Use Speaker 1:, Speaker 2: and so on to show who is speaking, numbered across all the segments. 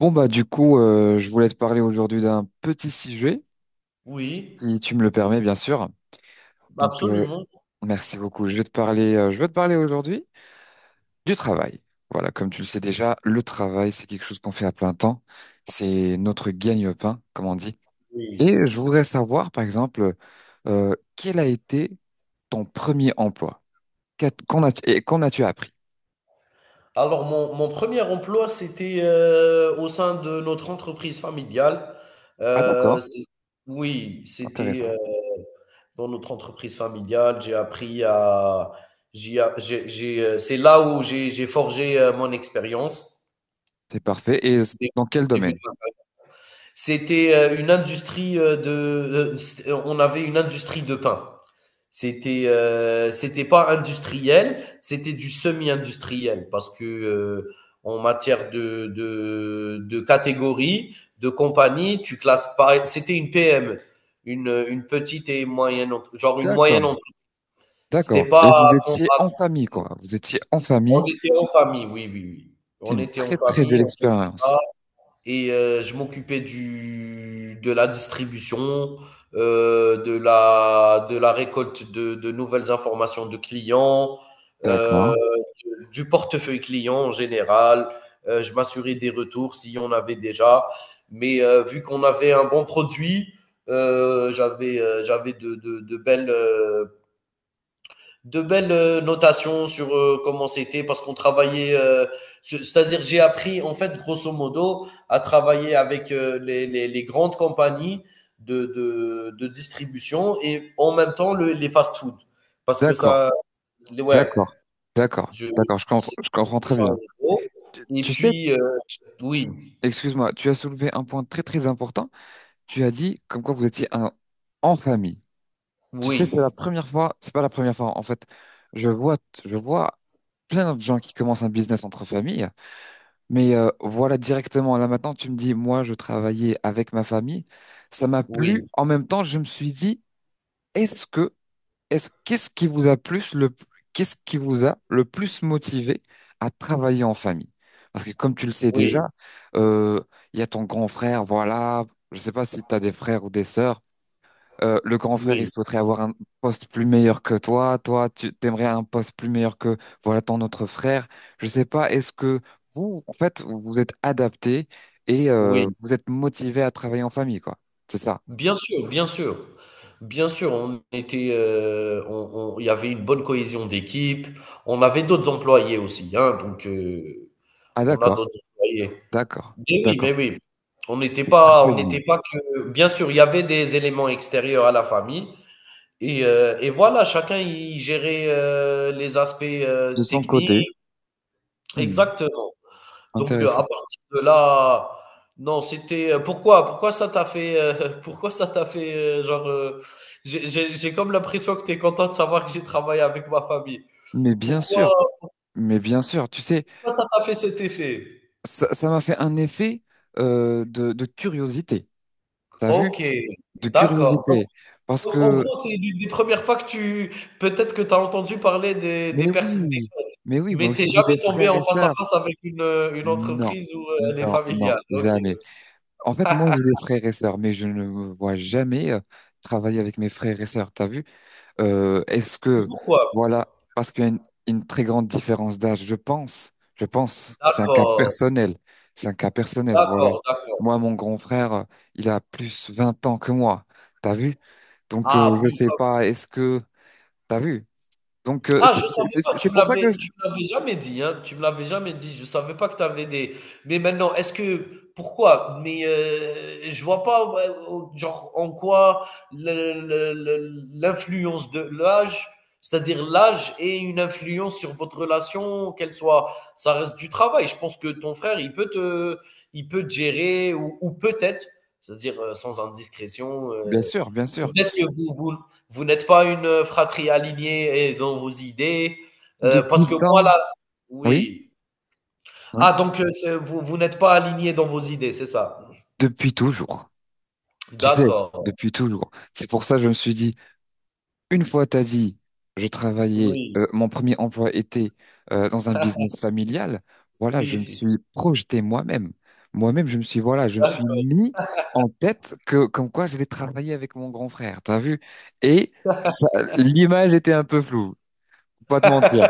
Speaker 1: Bon bah du coup, je voulais te parler aujourd'hui d'un petit sujet,
Speaker 2: Oui,
Speaker 1: si tu me le permets bien sûr. Donc
Speaker 2: absolument,
Speaker 1: merci beaucoup. Je vais te parler, je vais te parler aujourd'hui du travail. Voilà, comme tu le sais déjà, le travail c'est quelque chose qu'on fait à plein temps. C'est notre gagne-pain, comme on dit.
Speaker 2: oui.
Speaker 1: Et je voudrais savoir par exemple, quel a été ton premier emploi? Qu'a- Qu'en as, et qu'en as-tu appris?
Speaker 2: Alors mon premier emploi, c'était, au sein de notre entreprise familiale.
Speaker 1: Ah, d'accord,
Speaker 2: C'est oui, c'était,
Speaker 1: intéressant.
Speaker 2: dans notre entreprise familiale, j'ai appris à j'ai a j'ai j'ai, c'est là où j'ai forgé, mon expérience.
Speaker 1: C'est parfait. Et
Speaker 2: Au Dé
Speaker 1: dans quel
Speaker 2: début
Speaker 1: domaine?
Speaker 2: de C'était une industrie de. On avait une industrie de pain. C'était c'était pas industriel, c'était du semi-industriel parce que en matière de catégorie, de compagnie, tu classes pas. C'était une PME, une petite et moyenne, genre une
Speaker 1: D'accord,
Speaker 2: moyenne. C'était
Speaker 1: d'accord.
Speaker 2: pas.
Speaker 1: Et vous étiez en famille, quoi. Vous étiez en
Speaker 2: On
Speaker 1: famille.
Speaker 2: était en famille, oui, oui, oui.
Speaker 1: C'est
Speaker 2: On
Speaker 1: une
Speaker 2: était en
Speaker 1: très très belle
Speaker 2: famille, on faisait ça
Speaker 1: expérience.
Speaker 2: et je m'occupais du de la distribution, de la récolte de nouvelles informations de clients, euh,
Speaker 1: D'accord,
Speaker 2: du portefeuille client en général. Je m'assurais des retours s'il y en avait déjà. Mais vu qu'on avait un bon produit, j'avais de belles notations sur comment c'était parce qu'on travaillait. C'est-à-dire, j'ai appris, en fait, grosso modo, à travailler avec les grandes compagnies de distribution et en même temps les fast-food. Parce que
Speaker 1: d'accord,
Speaker 2: ça, ouais,
Speaker 1: d'accord, d'accord,
Speaker 2: je,
Speaker 1: d'accord,
Speaker 2: c'est-
Speaker 1: je comprends
Speaker 2: c'était
Speaker 1: très
Speaker 2: ça en
Speaker 1: bien.
Speaker 2: gros.
Speaker 1: Tu,
Speaker 2: Et
Speaker 1: tu sais,
Speaker 2: puis,
Speaker 1: tu-
Speaker 2: oui,
Speaker 1: excuse-moi, tu as soulevé un point très très important. Tu as dit comme quoi vous étiez en famille. Tu sais, c'est la
Speaker 2: oui,
Speaker 1: première fois, c'est pas la première fois en fait. Je vois, je vois plein de gens qui commencent un business entre familles, mais voilà, directement là maintenant, tu me dis, moi je travaillais avec ma famille, ça m'a plu.
Speaker 2: oui,
Speaker 1: En même temps, je me suis dit, est-ce que Est-ce, qu'est-ce qui vous a plus le, qu'est-ce qui vous a le plus motivé à travailler en famille? Parce que comme tu le sais déjà,
Speaker 2: oui,
Speaker 1: euh, il y a ton grand frère, voilà. Je sais pas si tu as des frères ou des sœurs. Le grand frère, il
Speaker 2: oui,
Speaker 1: souhaiterait avoir un poste plus meilleur que toi. Toi, tu t'aimerais un poste plus meilleur que, voilà, ton autre frère. Je sais pas, est-ce que vous, en fait, vous vous êtes adapté et
Speaker 2: oui.
Speaker 1: vous êtes motivé à travailler en famille, quoi. C'est ça.
Speaker 2: Bien sûr, bien sûr. Bien sûr, on était, il y avait une bonne cohésion d'équipe. On avait d'autres employés aussi, hein, donc
Speaker 1: Ah,
Speaker 2: on a
Speaker 1: d'accord,
Speaker 2: d'autres employés.
Speaker 1: d'accord,
Speaker 2: Mais oui, mais
Speaker 1: d'accord.
Speaker 2: oui.
Speaker 1: Très, très
Speaker 2: On
Speaker 1: bien.
Speaker 2: n'était pas que. Bien sûr, il y avait des éléments extérieurs à la famille. Et voilà, chacun y gérait les aspects
Speaker 1: De son
Speaker 2: techniques.
Speaker 1: côté. Hmm.
Speaker 2: Exactement. Donc, à
Speaker 1: Intéressant.
Speaker 2: partir de là, non, c'était pourquoi ça t'a fait, pourquoi ça t'a fait, j'ai comme l'impression que tu es content de savoir que j'ai travaillé avec ma famille.
Speaker 1: Mais bien
Speaker 2: Pourquoi,
Speaker 1: sûr, mais bien sûr, tu sais,
Speaker 2: pourquoi ça t'a fait cet effet?
Speaker 1: ça m'a fait un effet de curiosité. T'as vu?
Speaker 2: Ok,
Speaker 1: De
Speaker 2: d'accord.
Speaker 1: curiosité. Parce
Speaker 2: Donc, en
Speaker 1: que,
Speaker 2: gros, c'est l'une des premières fois que tu, peut-être que tu as entendu parler des
Speaker 1: mais
Speaker 2: personnes,
Speaker 1: oui, mais oui, moi
Speaker 2: mais t'es
Speaker 1: aussi j'ai
Speaker 2: jamais
Speaker 1: des
Speaker 2: tombé
Speaker 1: frères
Speaker 2: en
Speaker 1: et
Speaker 2: face à
Speaker 1: sœurs.
Speaker 2: face avec une
Speaker 1: Non,
Speaker 2: entreprise où elle est
Speaker 1: non, non,
Speaker 2: familiale. Ok.
Speaker 1: jamais. En fait, moi j'ai des frères et sœurs, mais je ne me vois jamais travailler avec mes frères et sœurs. T'as vu? Euh, est-ce
Speaker 2: Et
Speaker 1: que,
Speaker 2: pourquoi?
Speaker 1: voilà, parce qu'il y a une très grande différence d'âge, je pense, c'est un cas
Speaker 2: D'accord,
Speaker 1: personnel, c'est un cas personnel, voilà.
Speaker 2: d'accord, d'accord.
Speaker 1: Moi, mon grand frère, il a plus 20 ans que moi, t'as vu? Donc,
Speaker 2: Ah
Speaker 1: je
Speaker 2: oui,
Speaker 1: sais pas, est-ce que, t'as vu? Donc, euh,
Speaker 2: ah,
Speaker 1: c'est
Speaker 2: je savais
Speaker 1: c'est-
Speaker 2: pas,
Speaker 1: c'est- c'est pour ça que,
Speaker 2: tu me l'avais jamais dit, hein, tu me l'avais jamais dit. Je savais pas que tu avais des mais maintenant, est-ce que pourquoi? Mais, je vois pas, ouais, au genre, en quoi le l'influence de l'âge, c'est-à-dire l'âge ait une influence sur votre relation, qu'elle soit ça reste du travail. Je pense que ton frère, il peut te gérer ou peut-être, c'est-à-dire, sans indiscrétion,
Speaker 1: bien sûr,
Speaker 2: peut-être que vous vous n'êtes pas une fratrie alignée et dans vos idées.
Speaker 1: depuis
Speaker 2: Parce
Speaker 1: le
Speaker 2: que moi,
Speaker 1: temps,
Speaker 2: là,
Speaker 1: oui,
Speaker 2: oui. Ah,
Speaker 1: oui,
Speaker 2: donc vous, vous n'êtes pas aligné dans vos idées, c'est ça.
Speaker 1: depuis toujours, tu sais,
Speaker 2: D'accord.
Speaker 1: depuis toujours. C'est pour ça que je me suis dit, une fois, t'as dit, je travaillais,
Speaker 2: Oui.
Speaker 1: mon premier emploi était dans un business familial. Voilà, je me
Speaker 2: Oui.
Speaker 1: suis projeté moi-même. Moi-même, voilà, je me suis
Speaker 2: D'accord.
Speaker 1: mis en tête que, comme quoi j'allais travailler avec mon grand frère, t'as vu? Et ça, l'image était un peu floue, faut pas te mentir.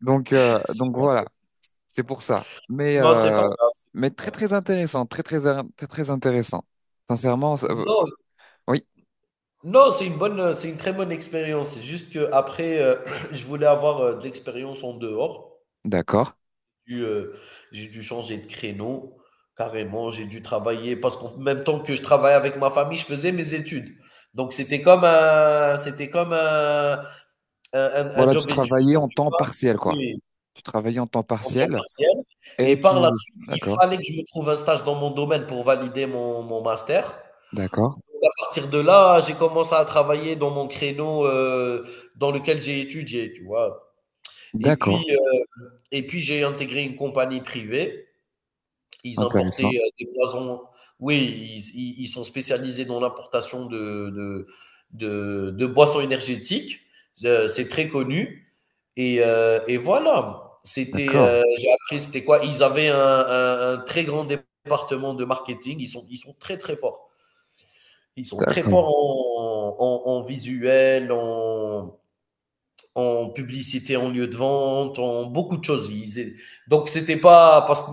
Speaker 1: Donc, donc
Speaker 2: C'est-
Speaker 1: voilà, c'est pour ça. Mais,
Speaker 2: Non, c'est pas
Speaker 1: euh,
Speaker 2: grave. C'est
Speaker 1: mais
Speaker 2: pas
Speaker 1: très, très
Speaker 2: grave.
Speaker 1: intéressant, très, très, très, très intéressant. Sincèrement,
Speaker 2: Non,
Speaker 1: oui,
Speaker 2: non, c'est une bonne, c'est une très bonne expérience. C'est juste que après, je voulais avoir de l'expérience en dehors.
Speaker 1: d'accord.
Speaker 2: dû, heu, j'ai dû changer de créneau, carrément. J'ai dû travailler parce qu'en même temps que je travaillais avec ma famille, je faisais mes études. Donc c'était comme un un un
Speaker 1: Voilà, tu
Speaker 2: job
Speaker 1: travaillais
Speaker 2: étudiant,
Speaker 1: en
Speaker 2: tu
Speaker 1: temps
Speaker 2: vois?
Speaker 1: partiel, quoi.
Speaker 2: Oui,
Speaker 1: Tu travaillais en temps
Speaker 2: en temps
Speaker 1: partiel
Speaker 2: partiel
Speaker 1: et
Speaker 2: et
Speaker 1: tu.
Speaker 2: par la suite, il
Speaker 1: D'accord,
Speaker 2: fallait que je me trouve un stage dans mon domaine pour valider mon master.
Speaker 1: d'accord,
Speaker 2: Donc à partir de là, j'ai commencé à travailler dans mon créneau, dans lequel j'ai étudié, tu vois? Et puis,
Speaker 1: d'accord.
Speaker 2: heu et puis j'ai intégré une compagnie privée. Ils
Speaker 1: Intéressant.
Speaker 2: importaient des poisons. Oui, ils sont spécialisés dans l'importation de boissons énergétiques. C'est très connu. Et voilà. C'était,
Speaker 1: D'accord,
Speaker 2: j'ai appris, c'était quoi? Ils avaient un très grand département de marketing. Ils sont très, très forts. Ils sont très
Speaker 1: d'accord,
Speaker 2: forts en, en, en visuel, en, en publicité, en lieu de vente, en beaucoup de choses. Donc, c'était pas parce que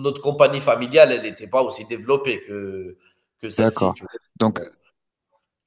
Speaker 2: notre compagnie familiale, elle n'était pas aussi développée que celle-ci,
Speaker 1: d'accord.
Speaker 2: tu
Speaker 1: Donc,
Speaker 2: vois.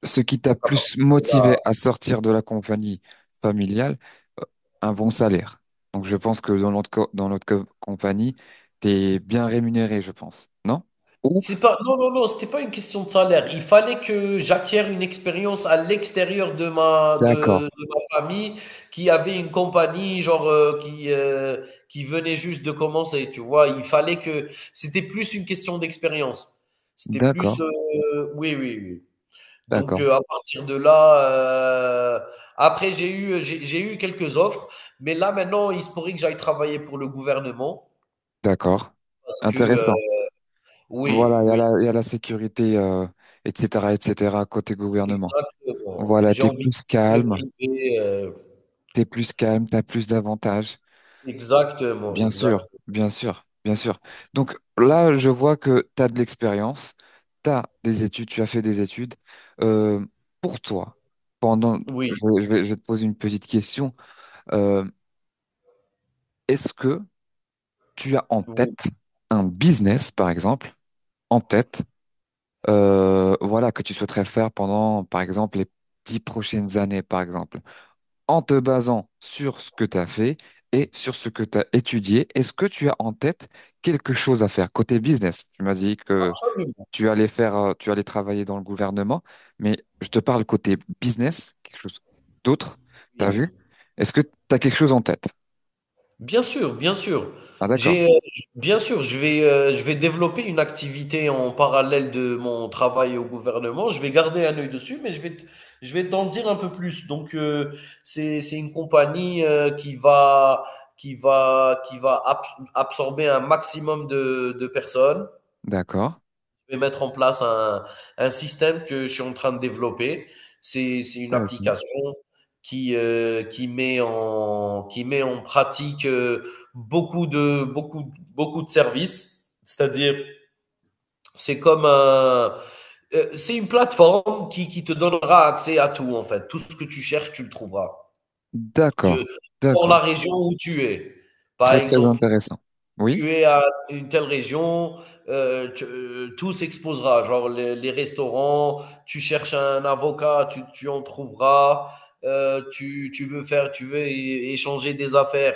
Speaker 1: ce qui t'a
Speaker 2: Donc, à partir
Speaker 1: plus
Speaker 2: de
Speaker 1: motivé
Speaker 2: là,
Speaker 1: à sortir de la compagnie familiale, euh, un bon salaire. Donc, je pense que dans notre compagnie, t'es bien rémunéré, je pense. Non? Ou?
Speaker 2: c'est pas, non, non, non, c'était pas une question de salaire. Il fallait que j'acquière une expérience à l'extérieur
Speaker 1: D'accord,
Speaker 2: de ma famille qui avait une compagnie, genre, qui venait juste de commencer, tu vois. Il fallait que, c'était plus une question d'expérience. C'était
Speaker 1: d'accord,
Speaker 2: plus, oui, oui, oui. Donc,
Speaker 1: d'accord,
Speaker 2: à partir de là, après j'ai eu quelques offres, mais là maintenant, il se pourrait que j'aille travailler pour le gouvernement
Speaker 1: d'accord.
Speaker 2: parce que,
Speaker 1: Intéressant.
Speaker 2: oui,
Speaker 1: Voilà, il y a
Speaker 2: oui,
Speaker 1: la, il y a la sécurité, etc., etc., côté gouvernement.
Speaker 2: exactement.
Speaker 1: Voilà,
Speaker 2: J'ai envie de quitter le privé,
Speaker 1: t'es plus calme, t'as plus d'avantages.
Speaker 2: exactement,
Speaker 1: Bien sûr,
Speaker 2: exactement.
Speaker 1: bien sûr, bien sûr. Donc là, je vois que t'as de l'expérience, t'as des études, tu as fait des études. Euh, pour toi, pendant,
Speaker 2: Oui,
Speaker 1: je vais te poser une petite question. Euh, est-ce que tu as en tête
Speaker 2: oui,
Speaker 1: un business, par exemple, en tête? Voilà, que tu souhaiterais faire pendant, par exemple, les 10 prochaines années, par exemple, en te basant sur ce que tu as fait et sur ce que tu as étudié, est-ce que tu as en tête quelque chose à faire côté business? Tu m'as dit que
Speaker 2: absolument,
Speaker 1: tu allais travailler dans le gouvernement, mais je te parle côté business, quelque chose d'autre, t'as vu?
Speaker 2: oui.
Speaker 1: Est-ce que tu as quelque chose en tête?
Speaker 2: Bien sûr, bien sûr.
Speaker 1: Ah, d'accord,
Speaker 2: J'ai, j bien sûr, je vais développer une activité en parallèle de mon travail au gouvernement. Je vais garder un œil dessus, je vais t'en dire un peu plus. Donc, c'est une compagnie, qui va ab absorber un maximum de personnes,
Speaker 1: d'accord.
Speaker 2: vais mettre en place un système que je suis en train de développer. C'est une
Speaker 1: Intéressant.
Speaker 2: application qui, qui met en pratique beaucoup, de, beaucoup, beaucoup de services. C'est-à-dire, c'est comme un, c'est une plateforme qui te donnera accès à tout, en fait. Tout ce que tu cherches, tu le trouveras. Tu,
Speaker 1: D'accord,
Speaker 2: dans
Speaker 1: d'accord.
Speaker 2: la région où tu es. Par
Speaker 1: Très, très
Speaker 2: exemple,
Speaker 1: intéressant. Oui?
Speaker 2: tu es à une telle région, tu tout s'exposera, genre les restaurants, tu cherches un avocat, tu en trouveras, tu veux é échanger des affaires,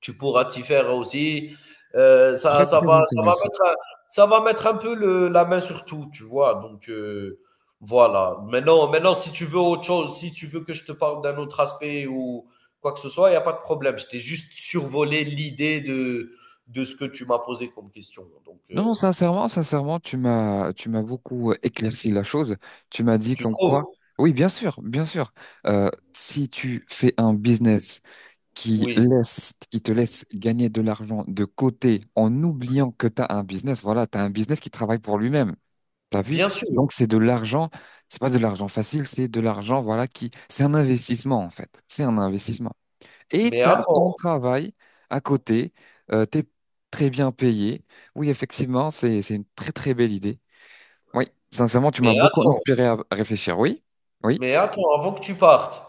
Speaker 2: tu pourras t'y faire aussi.
Speaker 1: Très, très
Speaker 2: Ça va
Speaker 1: intéressant.
Speaker 2: mettre, ça va mettre un peu la main sur tout, tu vois. Donc voilà. Maintenant, maintenant, si tu veux autre chose, si tu veux que je te parle d'un autre aspect ou quoi que ce soit, il n'y a pas de problème. Je t'ai juste survolé l'idée de ce que tu m'as posé comme question. Donc
Speaker 1: Non, non, sincèrement, sincèrement, tu m'as beaucoup éclairci la chose. Tu m'as dit
Speaker 2: tu
Speaker 1: comme quoi,
Speaker 2: trouves?
Speaker 1: oui, bien sûr, bien sûr. Si tu fais un business qui
Speaker 2: Oui,
Speaker 1: laisse, qui te laisse gagner de l'argent de côté en oubliant que tu as un business, voilà, tu as un business qui travaille pour lui-même. T'as vu?
Speaker 2: bien sûr.
Speaker 1: Donc, c'est de l'argent, c'est pas de l'argent facile, c'est de l'argent, voilà, qui, c'est un investissement, en fait. C'est un investissement. Et
Speaker 2: Mais
Speaker 1: tu as ton
Speaker 2: attends,
Speaker 1: travail à côté, tu es très bien payé. Oui, effectivement, c'est une très très belle idée. Oui, sincèrement, tu m'as
Speaker 2: mais
Speaker 1: beaucoup
Speaker 2: attends,
Speaker 1: inspiré à réfléchir. Oui, oui,
Speaker 2: mais attends, avant que tu partes.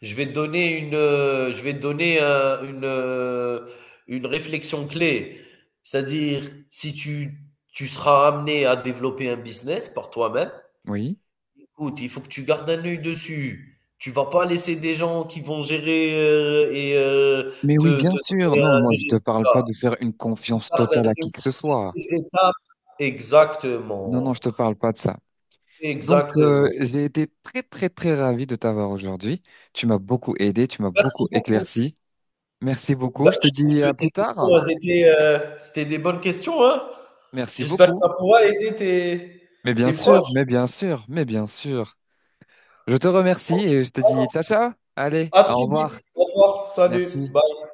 Speaker 2: Je vais te donner une réflexion clé. C'est-à-dire, si tu, tu seras amené à développer un business par toi-même,
Speaker 1: oui.
Speaker 2: écoute, il faut que tu gardes un œil dessus. Tu vas pas laisser des gens qui vont gérer
Speaker 1: Mais oui,
Speaker 2: te,
Speaker 1: bien
Speaker 2: te
Speaker 1: sûr.
Speaker 2: donner
Speaker 1: Non, moi,
Speaker 2: des
Speaker 1: je te parle pas
Speaker 2: résultats.
Speaker 1: de faire une
Speaker 2: Tu
Speaker 1: confiance
Speaker 2: gardes
Speaker 1: totale
Speaker 2: un
Speaker 1: à
Speaker 2: œil
Speaker 1: qui que ce
Speaker 2: sur toutes
Speaker 1: soit.
Speaker 2: les étapes.
Speaker 1: Non, non, je
Speaker 2: Exactement.
Speaker 1: te parle pas de ça. Donc,
Speaker 2: Exactement.
Speaker 1: j'ai été très très très ravi de t'avoir aujourd'hui. Tu m'as beaucoup aidé, tu m'as
Speaker 2: Merci
Speaker 1: beaucoup
Speaker 2: beaucoup.
Speaker 1: éclairci. Merci beaucoup.
Speaker 2: Bah,
Speaker 1: Je te
Speaker 2: je trouve
Speaker 1: dis à
Speaker 2: que
Speaker 1: plus
Speaker 2: tes
Speaker 1: tard.
Speaker 2: questions, elles étaient, c'était des bonnes questions, hein?
Speaker 1: Merci
Speaker 2: J'espère que
Speaker 1: beaucoup.
Speaker 2: ça pourra aider tes,
Speaker 1: Mais bien
Speaker 2: tes
Speaker 1: sûr,
Speaker 2: proches.
Speaker 1: mais bien sûr, mais bien sûr. Je te remercie
Speaker 2: Ok.
Speaker 1: et je te dis
Speaker 2: Alors,
Speaker 1: ciao ciao. Allez,
Speaker 2: à
Speaker 1: au
Speaker 2: très vite.
Speaker 1: revoir.
Speaker 2: Au revoir. Salut.
Speaker 1: Merci.
Speaker 2: Bye.